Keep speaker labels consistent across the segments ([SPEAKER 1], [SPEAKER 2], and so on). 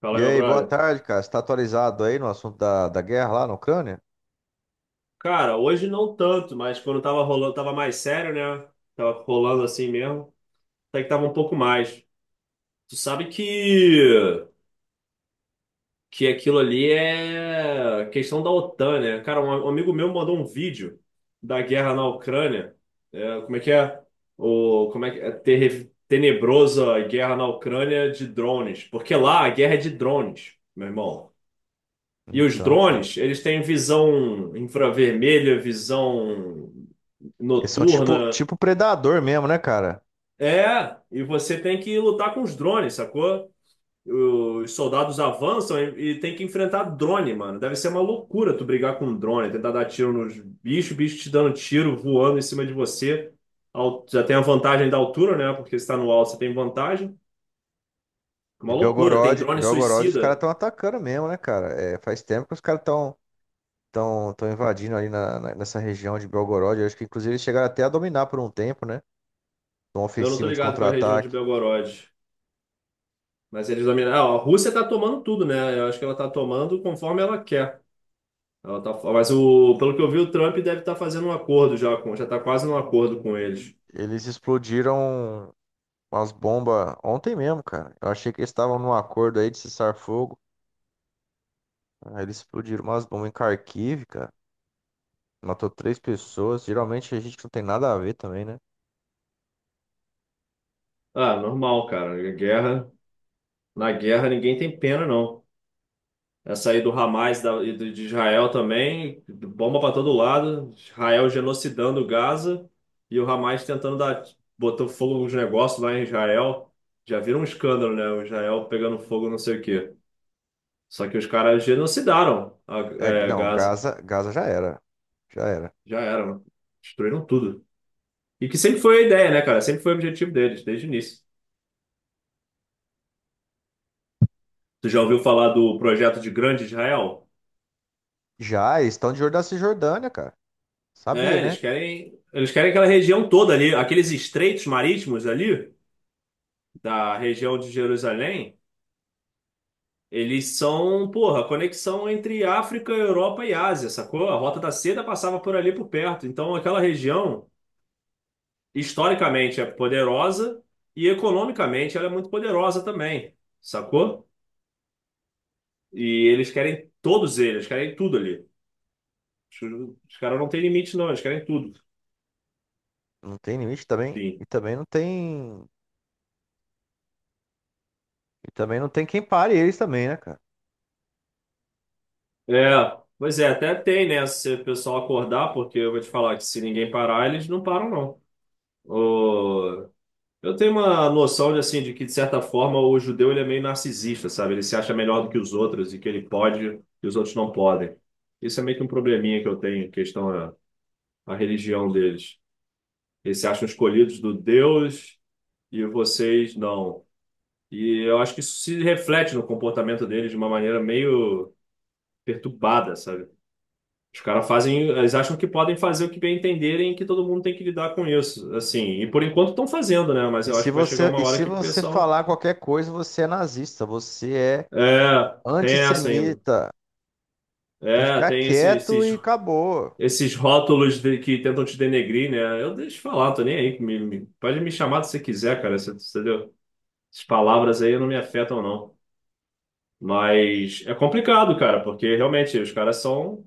[SPEAKER 1] Fala,
[SPEAKER 2] E
[SPEAKER 1] meu
[SPEAKER 2] aí, boa
[SPEAKER 1] brother.
[SPEAKER 2] tarde, cara. Você tá atualizado aí no assunto da guerra lá na Ucrânia?
[SPEAKER 1] Cara, hoje não tanto, mas quando tava rolando, tava mais sério, né? Tava rolando assim mesmo. Até que tava um pouco mais. Tu sabe que aquilo ali é questão da OTAN, né? Cara, um amigo meu mandou um vídeo da guerra na Ucrânia. É, como é que é? O, como é que é? Tenebrosa guerra na Ucrânia de drones. Porque lá a guerra é de drones, meu irmão. E os
[SPEAKER 2] Então, cara.
[SPEAKER 1] drones, eles têm visão infravermelha, visão
[SPEAKER 2] Eles são tipo,
[SPEAKER 1] noturna.
[SPEAKER 2] tipo predador mesmo, né, cara?
[SPEAKER 1] É, e você tem que lutar com os drones, sacou? Os soldados avançam e tem que enfrentar drone, mano. Deve ser uma loucura tu brigar com um drone, tentar dar tiro nos bichos, bicho te dando tiro, voando em cima de você. Já tem a vantagem da altura, né? Porque se tá no alto, você tem vantagem. É
[SPEAKER 2] E
[SPEAKER 1] uma loucura. Tem
[SPEAKER 2] Belgorod,
[SPEAKER 1] drone
[SPEAKER 2] Belgorod, os caras
[SPEAKER 1] suicida.
[SPEAKER 2] estão atacando mesmo, né, cara? É, faz tempo que os caras estão tão invadindo ali nessa região de Belgorod. Eu acho que, inclusive, eles chegaram até a dominar por um tempo, né? Uma
[SPEAKER 1] Eu não tô
[SPEAKER 2] ofensiva de
[SPEAKER 1] ligado com a região de
[SPEAKER 2] contra-ataque.
[SPEAKER 1] Belgorod. Mas eles dominam. Ah, a Rússia tá tomando tudo, né? Eu acho que ela tá tomando conforme ela quer. Ela tá, mas o, pelo que eu vi, o Trump deve estar fazendo um acordo já com, já está quase num acordo com eles.
[SPEAKER 2] Eles explodiram umas bombas ontem mesmo, cara. Eu achei que eles estavam num acordo aí de cessar fogo. Aí eles explodiram umas bombas em Kharkiv, cara. Matou três pessoas. Geralmente a gente não tem nada a ver também, né?
[SPEAKER 1] Ah, normal, cara. Guerra, na guerra ninguém tem pena, não. Essa aí do Hamas da- e do- de Israel também, bomba para todo lado, Israel genocidando Gaza e o Hamas tentando dar, botou fogo nos negócios lá em Israel. Já viram um escândalo, né? O Israel pegando fogo, não sei o quê. Só que os caras genocidaram
[SPEAKER 2] É,
[SPEAKER 1] é,
[SPEAKER 2] não,
[SPEAKER 1] Gaza.
[SPEAKER 2] Gaza já era. Já era.
[SPEAKER 1] Já era, mano. Destruíram tudo. E que sempre foi a ideia, né, cara? Sempre foi o objetivo deles, desde o início. Tu já ouviu falar do projeto de Grande Israel?
[SPEAKER 2] Já, eles estão de olho da Cisjordânia, cara. Sabia,
[SPEAKER 1] É,
[SPEAKER 2] né?
[SPEAKER 1] eles querem aquela região toda ali, aqueles estreitos marítimos ali, da região de Jerusalém, eles são, porra, conexão entre África, Europa e Ásia, sacou? A Rota da Seda passava por ali por perto. Então, aquela região, historicamente, é poderosa e economicamente ela é muito poderosa também, sacou? E eles querem todos eles, querem tudo ali. Os caras não têm limite, não, eles querem tudo.
[SPEAKER 2] Não tem limite também.
[SPEAKER 1] Enfim.
[SPEAKER 2] E também não tem. E também não tem quem pare eles também, né, cara?
[SPEAKER 1] É, pois é, até tem, né? Se o pessoal acordar, porque eu vou te falar que se ninguém parar, eles não param, não. O- Eu tenho uma noção de, assim, de que, de certa forma, o judeu ele é meio narcisista, sabe? Ele se acha melhor do que os outros e que ele pode e os outros não podem. Isso é meio que um probleminha que eu tenho, em questão a religião deles. Eles se acham escolhidos do Deus e vocês não. E eu acho que isso se reflete no comportamento deles de uma maneira meio perturbada, sabe? Os caras fazem, eles acham que podem fazer o que bem entenderem e que todo mundo tem que lidar com isso, assim. E por enquanto estão fazendo, né? Mas
[SPEAKER 2] E
[SPEAKER 1] eu acho
[SPEAKER 2] se
[SPEAKER 1] que vai chegar
[SPEAKER 2] você,
[SPEAKER 1] uma
[SPEAKER 2] e
[SPEAKER 1] hora
[SPEAKER 2] se
[SPEAKER 1] que o
[SPEAKER 2] você
[SPEAKER 1] pessoal,
[SPEAKER 2] falar qualquer coisa, você é nazista, você é
[SPEAKER 1] é, tem essa ainda.
[SPEAKER 2] antissemita. Tem que
[SPEAKER 1] É,
[SPEAKER 2] ficar quieto
[SPEAKER 1] esses
[SPEAKER 2] e acabou.
[SPEAKER 1] esses rótulos que tentam te denegrir, né? Eu deixo falar, tô nem aí. Pode me chamar se você quiser, cara. Você, entendeu? Essas palavras aí não me afetam, não. Mas é complicado, cara, porque realmente os caras são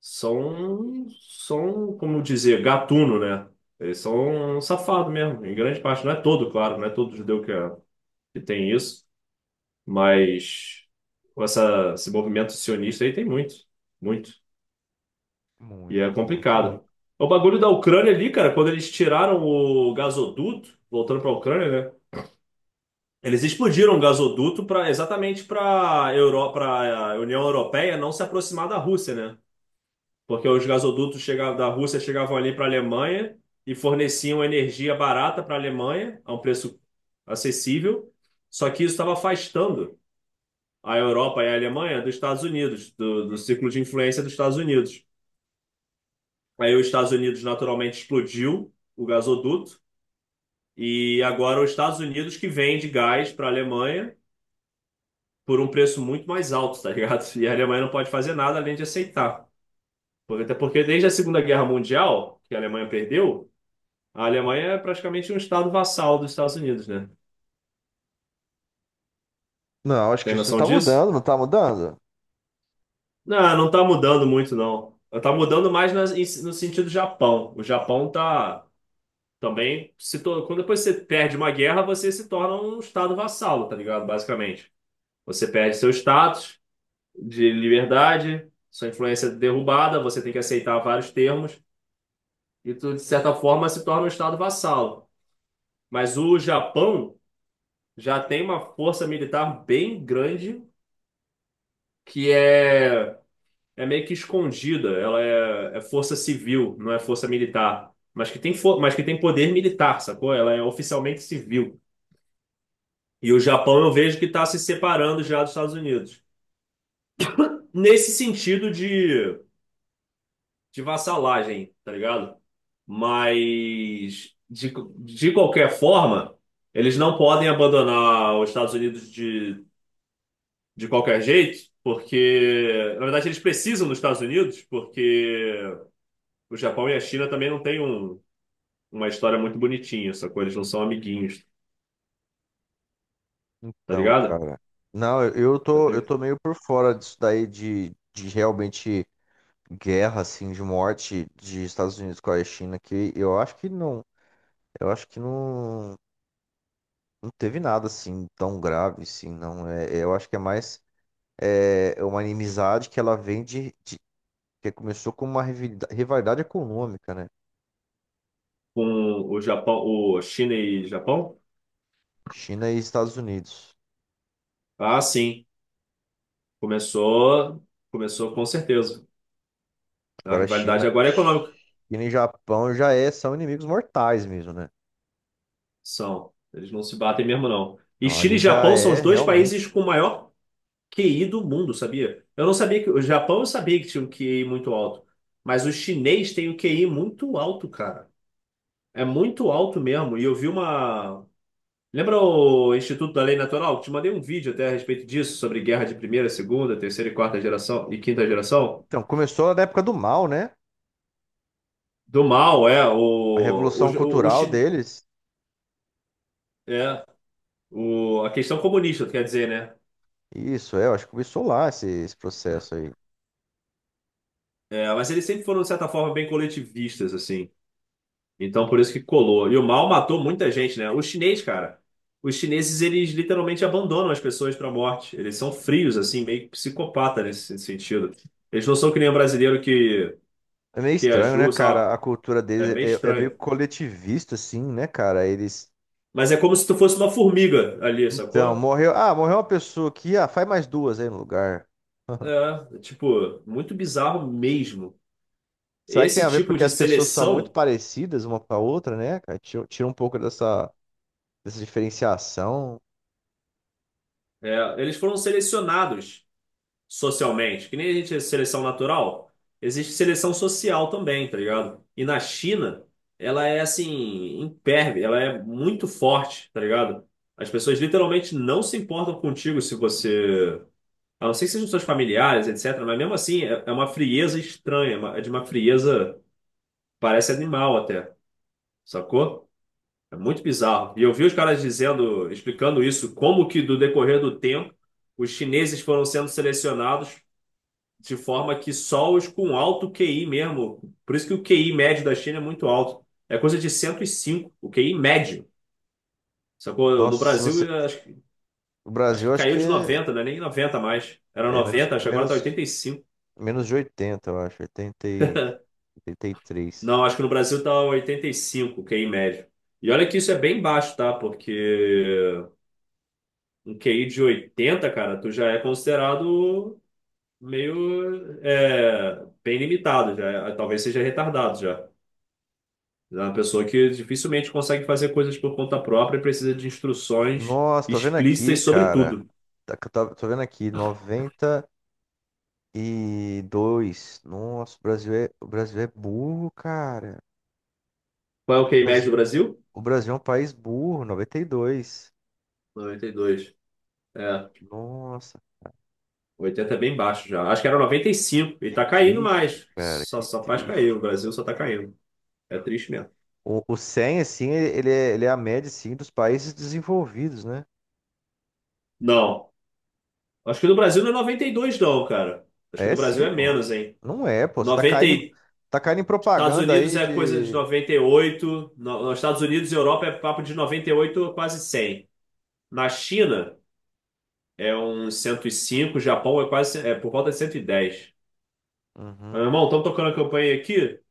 [SPEAKER 1] são, são, como dizer, gatuno, né? Eles são safados mesmo, em grande parte. Não é todo, claro, não é todo judeu que tem isso, mas com essa, esse movimento sionista aí tem muito, muito. E é
[SPEAKER 2] Muito, muito, muito.
[SPEAKER 1] complicado. O bagulho da Ucrânia ali, cara, quando eles tiraram o gasoduto, voltando para a Ucrânia, né? Eles explodiram o gasoduto para Europa, para a União Europeia não se aproximar da Rússia, né? Porque os gasodutos chegavam, da Rússia chegavam ali para a Alemanha e forneciam energia barata para a Alemanha, a um preço acessível. Só que isso estava afastando a Europa e a Alemanha dos Estados Unidos, do círculo de influência dos Estados Unidos. Aí os Estados Unidos naturalmente explodiu o gasoduto e agora os Estados Unidos que vende gás para a Alemanha por um preço muito mais alto, tá ligado? E a Alemanha não pode fazer nada além de aceitar. Até porque desde a Segunda Guerra Mundial, que a Alemanha perdeu, a Alemanha é praticamente um estado vassal dos Estados Unidos, né?
[SPEAKER 2] Não, acho que
[SPEAKER 1] Tem
[SPEAKER 2] isso
[SPEAKER 1] noção
[SPEAKER 2] tá
[SPEAKER 1] disso?
[SPEAKER 2] mudando, não tá mudando?
[SPEAKER 1] Não, não tá mudando muito, não. Tá mudando mais no sentido Japão. O Japão tá também se tor- quando depois você perde uma guerra, você se torna um estado vassalo, tá ligado? Basicamente. Você perde seu status de liberdade, sua influência é derrubada, você tem que aceitar vários termos e tu, de certa forma, se torna um estado vassalo. Mas o Japão já tem uma força militar bem grande que é meio que escondida. Ela é força civil, não é força militar. Mas que tem, mas que tem poder militar, sacou? Ela é oficialmente civil. E o Japão eu vejo que está se separando já dos Estados Unidos. Nesse sentido de vassalagem, tá ligado? Mas, de qualquer forma, eles não podem abandonar os Estados Unidos de qualquer jeito, porque, na verdade, eles precisam dos Estados Unidos, porque o Japão e a China também não têm uma história muito bonitinha, sacou? Eles não são amiguinhos, tá
[SPEAKER 2] Então,
[SPEAKER 1] ligado?
[SPEAKER 2] cara. Não, eu, eu
[SPEAKER 1] Já
[SPEAKER 2] tô, eu
[SPEAKER 1] teve
[SPEAKER 2] tô meio por fora disso daí de realmente guerra, assim, de morte de Estados Unidos com a China, que eu acho que não, não teve nada, assim, tão grave, assim, não. É, eu acho que é mais é uma inimizade que ela vem que começou com uma rivalidade econômica, né?
[SPEAKER 1] com o Japão, o China e Japão?
[SPEAKER 2] China e Estados Unidos.
[SPEAKER 1] Ah, sim. Começou, começou com certeza. A
[SPEAKER 2] Agora,
[SPEAKER 1] rivalidade
[SPEAKER 2] China,
[SPEAKER 1] agora é econômica.
[SPEAKER 2] China e Japão já são inimigos mortais mesmo, né?
[SPEAKER 1] São. Eles não se batem mesmo, não. E
[SPEAKER 2] Então,
[SPEAKER 1] China
[SPEAKER 2] ali
[SPEAKER 1] e
[SPEAKER 2] já
[SPEAKER 1] Japão são
[SPEAKER 2] é
[SPEAKER 1] os dois países
[SPEAKER 2] realmente.
[SPEAKER 1] com o maior QI do mundo, sabia? Eu não sabia que. O Japão eu sabia que tinha um QI muito alto. Mas o chinês tem um QI muito alto, cara. É muito alto mesmo. E eu vi uma, lembra o Instituto da Lei Natural? Te mandei um vídeo até a respeito disso, sobre guerra de primeira, segunda, terceira e quarta geração e quinta geração.
[SPEAKER 2] Então, começou na época do Mao, né?
[SPEAKER 1] Do mal, é,
[SPEAKER 2] A revolução cultural deles.
[SPEAKER 1] é, a questão comunista, quer dizer, né?
[SPEAKER 2] Isso, é, eu acho que começou lá esse processo aí.
[SPEAKER 1] É, mas eles sempre foram, de certa forma, bem coletivistas, assim. Então, por isso que colou. E o mal matou muita gente, né? O chinês, cara, os chineses, eles literalmente abandonam as pessoas para a morte. Eles são frios, assim, meio psicopata nesse sentido. Eles não são que nem o brasileiro
[SPEAKER 2] É meio
[SPEAKER 1] que
[SPEAKER 2] estranho, né,
[SPEAKER 1] ajuda, sei lá,
[SPEAKER 2] cara? A cultura
[SPEAKER 1] é
[SPEAKER 2] deles
[SPEAKER 1] meio
[SPEAKER 2] é meio
[SPEAKER 1] estranho.
[SPEAKER 2] coletivista, assim, né, cara? Eles.
[SPEAKER 1] Mas é como se tu fosse uma formiga ali,
[SPEAKER 2] Então,
[SPEAKER 1] sacou?
[SPEAKER 2] morreu. Ah, morreu uma pessoa aqui. Ah, faz mais duas aí no lugar.
[SPEAKER 1] É, tipo, muito bizarro mesmo.
[SPEAKER 2] Será que tem
[SPEAKER 1] Esse
[SPEAKER 2] a ver
[SPEAKER 1] tipo
[SPEAKER 2] porque
[SPEAKER 1] de
[SPEAKER 2] as pessoas são muito
[SPEAKER 1] seleção,
[SPEAKER 2] parecidas uma com a outra, né, cara? Tira um pouco dessa, diferenciação.
[SPEAKER 1] é, eles foram selecionados socialmente, que nem a gente é seleção natural, existe seleção social também, tá ligado? E na China, ela é assim, imperve, ela é muito forte, tá ligado? As pessoas literalmente não se importam contigo se você. A não ser que sejam seus familiares, etc. Mas mesmo assim, é uma frieza estranha, é de uma frieza, parece animal até, sacou? É muito bizarro. E eu vi os caras dizendo, explicando isso, como que do decorrer do tempo os chineses foram sendo selecionados de forma que só os com alto QI mesmo. Por isso que o QI médio da China é muito alto. É coisa de 105 o QI médio. Sacou? No
[SPEAKER 2] Nossa, se
[SPEAKER 1] Brasil,
[SPEAKER 2] você.
[SPEAKER 1] eu acho,
[SPEAKER 2] O
[SPEAKER 1] acho
[SPEAKER 2] Brasil,
[SPEAKER 1] que
[SPEAKER 2] acho
[SPEAKER 1] caiu
[SPEAKER 2] que
[SPEAKER 1] de 90, não é nem 90 mais. Era
[SPEAKER 2] é menos,
[SPEAKER 1] 90 acho que agora tá
[SPEAKER 2] menos,
[SPEAKER 1] 85.
[SPEAKER 2] menos de 80, eu acho. 83.
[SPEAKER 1] Não, acho que no Brasil tá 85, o QI médio. E olha que isso é bem baixo, tá? Porque um QI de 80, cara, tu já é considerado meio é, bem limitado, talvez seja retardado já. É uma pessoa que dificilmente consegue fazer coisas por conta própria e precisa de instruções
[SPEAKER 2] Nossa, tô vendo aqui,
[SPEAKER 1] explícitas sobre
[SPEAKER 2] cara.
[SPEAKER 1] tudo.
[SPEAKER 2] Tô vendo aqui, 92. Nossa, o Brasil é burro, cara.
[SPEAKER 1] Qual é o
[SPEAKER 2] O
[SPEAKER 1] QI médio
[SPEAKER 2] Brasil,
[SPEAKER 1] do Brasil?
[SPEAKER 2] o Brasil é um país burro, 92.
[SPEAKER 1] 92. É,
[SPEAKER 2] Nossa,
[SPEAKER 1] oitenta é bem baixo já. Acho que era noventa e cinco e
[SPEAKER 2] que
[SPEAKER 1] tá caindo
[SPEAKER 2] triste,
[SPEAKER 1] mais.
[SPEAKER 2] cara,
[SPEAKER 1] Só,
[SPEAKER 2] que
[SPEAKER 1] só faz cair, o
[SPEAKER 2] triste.
[SPEAKER 1] Brasil só tá caindo. É triste mesmo.
[SPEAKER 2] O 100, assim, ele é a média, assim, dos países desenvolvidos, né?
[SPEAKER 1] Não, acho que do Brasil não é 92 não, cara. Acho que do
[SPEAKER 2] É
[SPEAKER 1] Brasil
[SPEAKER 2] sim,
[SPEAKER 1] é
[SPEAKER 2] pô.
[SPEAKER 1] menos, hein?
[SPEAKER 2] Não é, pô. Você
[SPEAKER 1] 90.
[SPEAKER 2] tá caindo em
[SPEAKER 1] Estados
[SPEAKER 2] propaganda
[SPEAKER 1] Unidos
[SPEAKER 2] aí
[SPEAKER 1] é coisa de
[SPEAKER 2] de...
[SPEAKER 1] 98. Nos Estados Unidos e Europa é papo de 98 a quase 100. Na China é uns 105. Japão é quase é por volta de 110. Meu
[SPEAKER 2] Uhum.
[SPEAKER 1] irmão, estão tocando a campanha aqui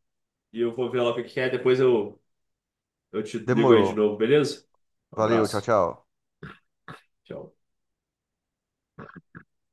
[SPEAKER 1] e eu vou ver lá o que que é. Depois eu te ligo aí de
[SPEAKER 2] Demorou.
[SPEAKER 1] novo, beleza? Um
[SPEAKER 2] Valeu, tchau,
[SPEAKER 1] abraço.
[SPEAKER 2] tchau.
[SPEAKER 1] Tchau.